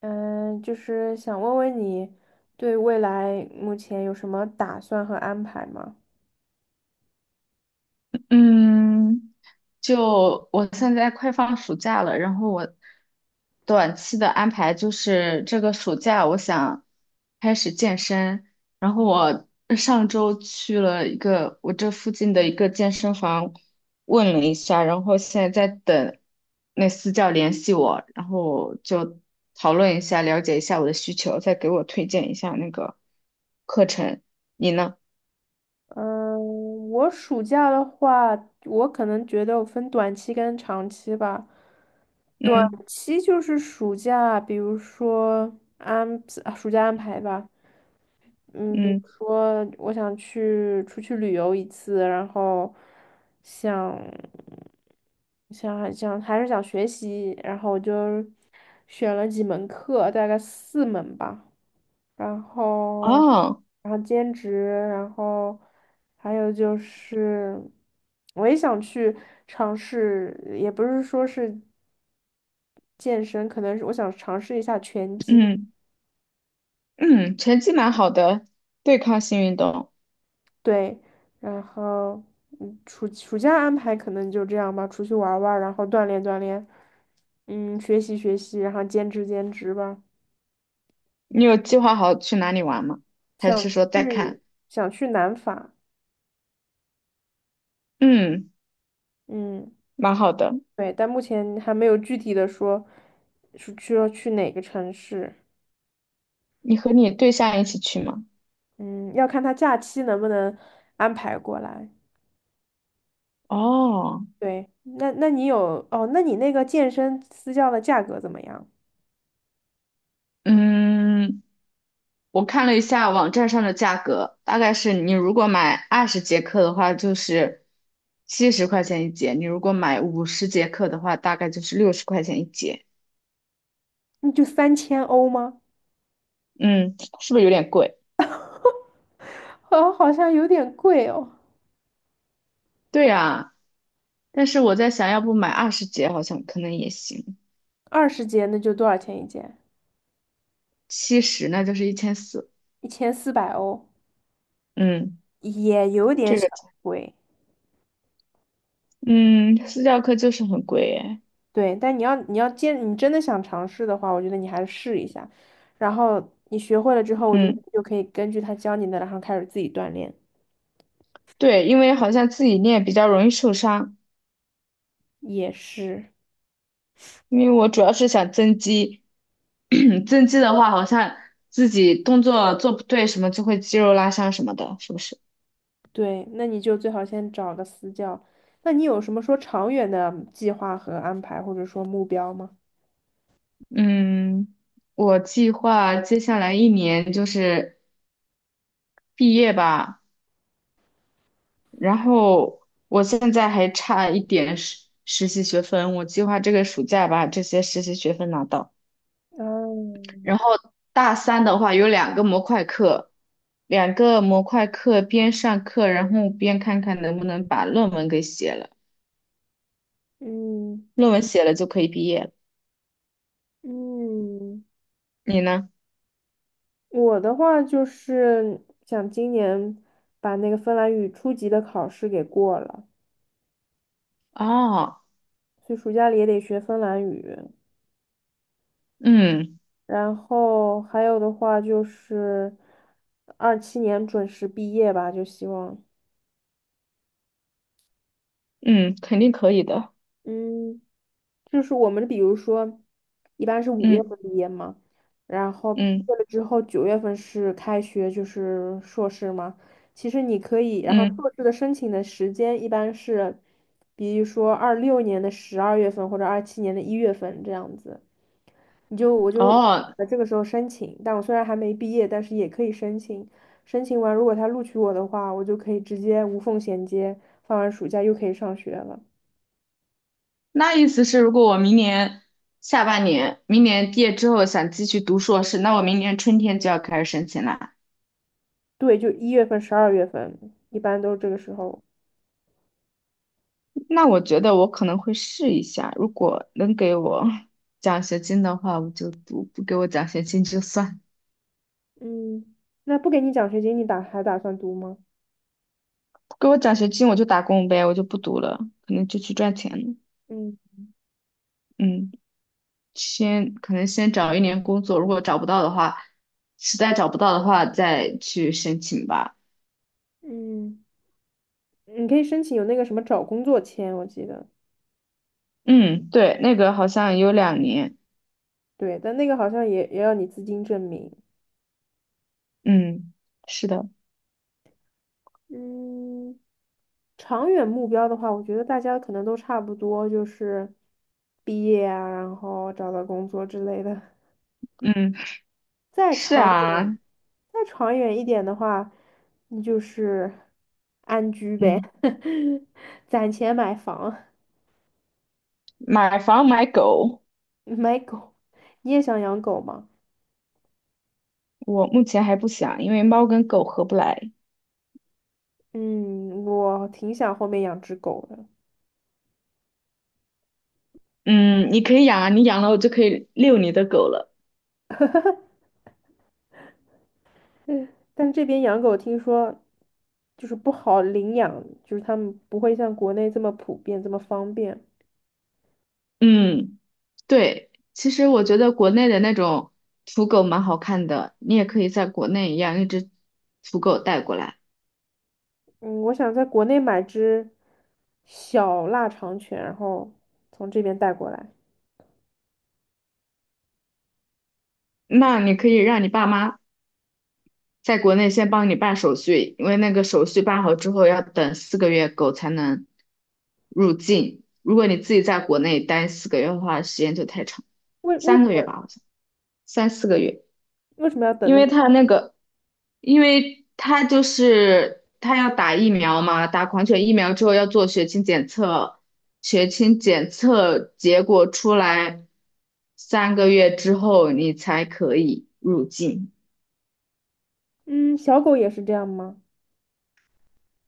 嗯，就是想问问你对未来目前有什么打算和安排吗？嗯，就我现在快放暑假了，然后我短期的安排就是这个暑假我想开始健身，然后我上周去了一个我这附近的一个健身房问了一下，然后现在在等那私教联系我，然后就讨论一下，了解一下我的需求，再给我推荐一下那个课程。你呢？嗯，我暑假的话，我可能觉得我分短期跟长期吧。短嗯期就是暑假，比如说安，暑假安排吧。嗯，比如嗯。说我出去旅游一次，然后想想还想还是想学习，然后我就选了几门课，大概四门吧，然后哦。然后兼职，然后还有就是我也想去尝试，也不是说是健身，可能是我想尝试一下拳击。嗯。嗯，成绩蛮好的，对抗性运动。对，然后暑假安排可能就这样吧，出去玩儿玩儿然后锻炼锻炼，学习学习，然后兼职兼职吧。你有计划好去哪里玩吗？还是想说再去看？想去南法，嗯，嗯，蛮好的。对，但目前还没有具体的说要去哪个城市，你和你对象一起去吗？嗯，要看他假期能不能安排过来。哦。对，那你有哦？那你那个健身私教的价格怎么样？嗯，我看了一下网站上的价格，大概是你如果买二十节课的话，就是70块钱一节；你如果买50节课的话，大概就是60块钱一节。那就3000欧吗？嗯，是不是有点贵？好，好像有点贵哦。对啊，但是我在想，要不买二十节好像可能也行。20节那就多少钱一件？七十，那就是1400。1400欧，嗯，也有点这小个，贵。嗯，私教课就是很贵哎。对，但你要你要坚，你真的想尝试的话，我觉得你还是试一下。然后你学会了之后，我觉得嗯，你就可以根据他教你的，然后开始自己锻炼。对，因为好像自己练比较容易受伤，也是，因为我主要是想增肌，增肌的话好像自己动作做不对什么就会肌肉拉伤什么的，是不是？对，那你就最好先找个私教。那你有什么说长远的计划和安排，或者说目标吗？嗯，我计划接下来一年就是毕业吧，然后我现在还差一点实习学分，我计划这个暑假把这些实习学分拿到。嗯然后大三的话有两个模块课，两个模块课边上课，然后边看看能不能把论文给写了，嗯论文写了就可以毕业了。嗯。你呢？我的话就是想今年把那个芬兰语初级的考试给过了，哦。所以暑假里也得学芬兰语。嗯然后还有的话就是二七年准时毕业吧，就希望嗯，肯定可以的。嗯。就是我们比如说，一般是五月嗯份毕业嘛，然后毕嗯业了之后9月份是开学，就是硕士嘛。其实你可以，然后嗯。硕士的申请的时间一般是，比如说26年的十二月份或者二七年的一月份这样子，我就哦，这个时候申请，但我虽然还没毕业，但是也可以申请。申请完，如果他录取我的话，我就可以直接无缝衔接，放完暑假又可以上学了。那意思是如果我明年下半年，明年毕业之后想继续读硕士，那我明年春天就要开始申请了。对，就一月份、十二月份，一般都是这个时候。那我觉得我可能会试一下，如果能给我 奖学金的话，我就读；不给我奖学金就算，嗯那不给你奖学金，你还打算读吗？不给我奖学金我就打工呗，我就不读了，可能就去赚钱了。嗯嗯，先可能先找一年工作，如果找不到的话，实在找不到的话再去申请吧。嗯，你可以申请有那个什么找工作签，我记得。嗯，对，那个好像有2年。对，但那个好像也要你资金证明。嗯，是的。嗯长远目标的话，我觉得大家可能都差不多，就是毕业啊，然后找到工作之类的。嗯，再是长啊。远，再长远一点的话，你就是安居呗，嗯，攒钱买房，买房买狗。买狗。你也想养狗吗？我目前还不想，因为猫跟狗合不来。嗯，我挺想后面养只狗的，嗯，你可以养啊，你养了我就可以遛你的狗了。但这边养狗听说就是不好领养，就是他们不会像国内这么普遍，这么方便。嗯，对，其实我觉得国内的那种土狗蛮好看的，你也可以在国内养一只土狗带过来。嗯，我想在国内买只小腊肠犬，然后从这边带过来。那你可以让你爸妈在国内先帮你办手续，因为那个手续办好之后要等四个月狗才能入境。如果你自己在国内待四个月的话，时间就太长，为为三什个月么吧，好像三四个月。为什么要等因那么？为他那个，因为他就是他要打疫苗嘛，打狂犬疫苗之后要做血清检测，血清检测结果出来三个月之后你才可以入境，嗯，小狗也是这样吗？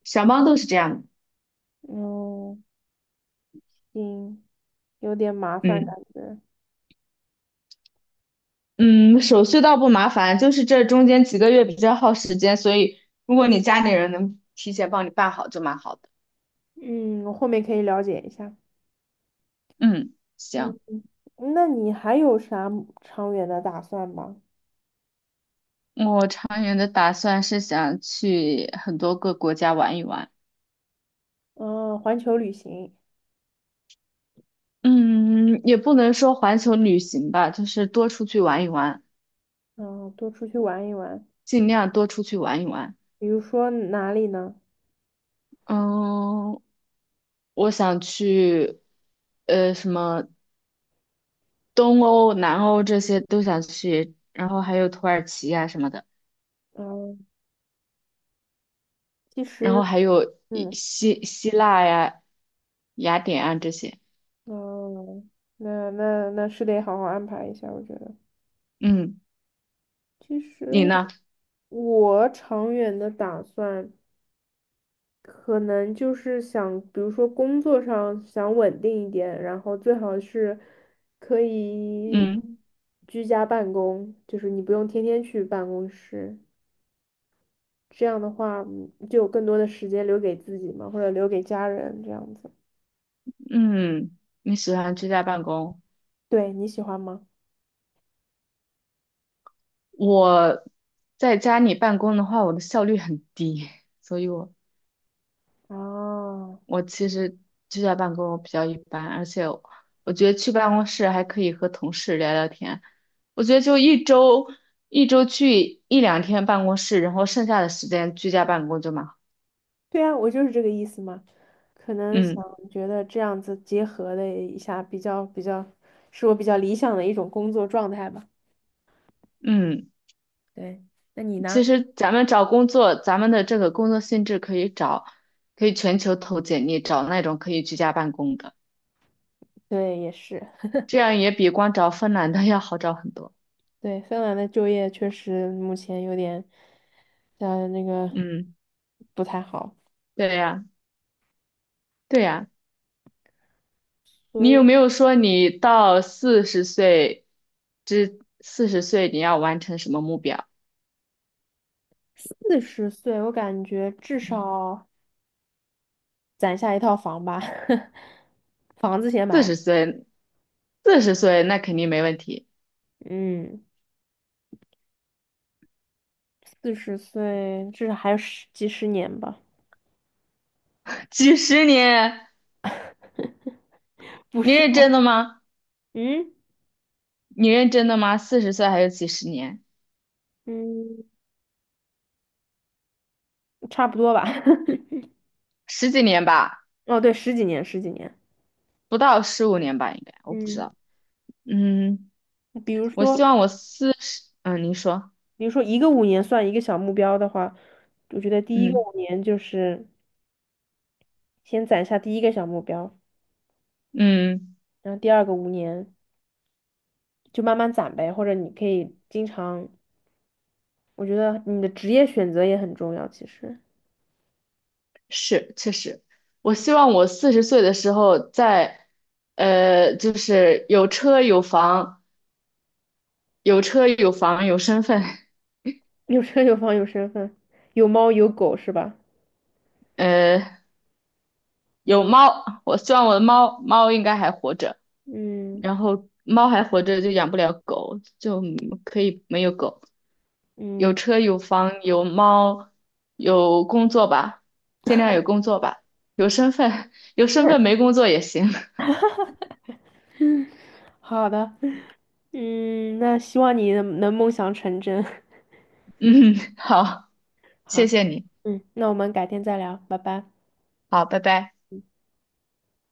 小猫都是这样的。哦嗯，行，有点麻烦嗯感觉。嗯，手续倒不麻烦，就是这中间几个月比较耗时间，所以如果你家里人能提前帮你办好就蛮好的。嗯，我后面可以了解一下。嗯，嗯，行。那你还有啥长远的打算吗？我长远的打算是想去很多个国家玩一玩，嗯，环球旅行，嗯，也不能说环球旅行吧，就是多出去玩一玩，嗯，多出去玩一玩。尽量多出去玩一玩。比如说哪里呢？嗯，我想去，什么东欧、南欧这些都想去，然后还有土耳其呀、什么的，嗯，其然后实，还有一嗯，希希腊呀、雅典啊这些。嗯，那是得好好安排一下，我觉得。嗯，其实你呢？我长远的打算。可能就是想，比如说工作上想稳定一点，然后最好是可以嗯居家办公，就是你不用天天去办公室，这样的话就有更多的时间留给自己嘛，或者留给家人这样子。嗯，你喜欢居家办公？对，你喜欢吗？我在家里办公的话，我的效率很低，所以我哦，我其实居家办公比较一般，而且我觉得去办公室还可以和同事聊聊天。我觉得就一周去一两天办公室，然后剩下的时间居家办公就蛮好。对啊，我就是这个意思嘛。可能想嗯觉得这样子结合的一下，比较比较，是我比较理想的一种工作状态吧。嗯，对，那你呢？其实咱们找工作，咱们的这个工作性质可以找，可以全球投简历，找那种可以居家办公的，对，也是。这样也比光找芬兰的 要好找很多。对，芬兰的就业确实目前有点，那个嗯，不太好，对呀。对呀，所你以有没有说你到四十岁你要完成什么目标？四十岁我感觉至少攒下一套房吧，房子先四买好。十岁，四十岁那肯定没问题。嗯，四十岁至少还有10年吧，几十年，不你是？认真的吗？嗯你认真的吗？四十岁还有几十年？嗯，差不多吧。十几年吧，哦，对，十几年，十几年。不到15年吧，应该，我不知嗯，道。嗯，比如我希说，望我四十，嗯，您说。一个五年算一个小目标的话，我觉得第一个嗯五年就是先攒下第一个小目标。嗯。然后第二个五年就慢慢攒呗，或者你可以经常，我觉得你的职业选择也很重要，其实是，确实，我希望我四十岁的时候在，就是有车有房，有车有房有身份，有车有房有身份，有猫有狗是吧？呃，有猫。我希望我的猫猫应该还活着，嗯然后猫还活着就养不了狗，就可以没有狗。有嗯，车有房有猫，有工作吧，尽量有工作吧，有身份，有身份没 工作也行。好的，嗯，那希望你能梦想成真。嗯，好，谢好，谢你，嗯，那我们改天再聊，拜拜。好，拜拜。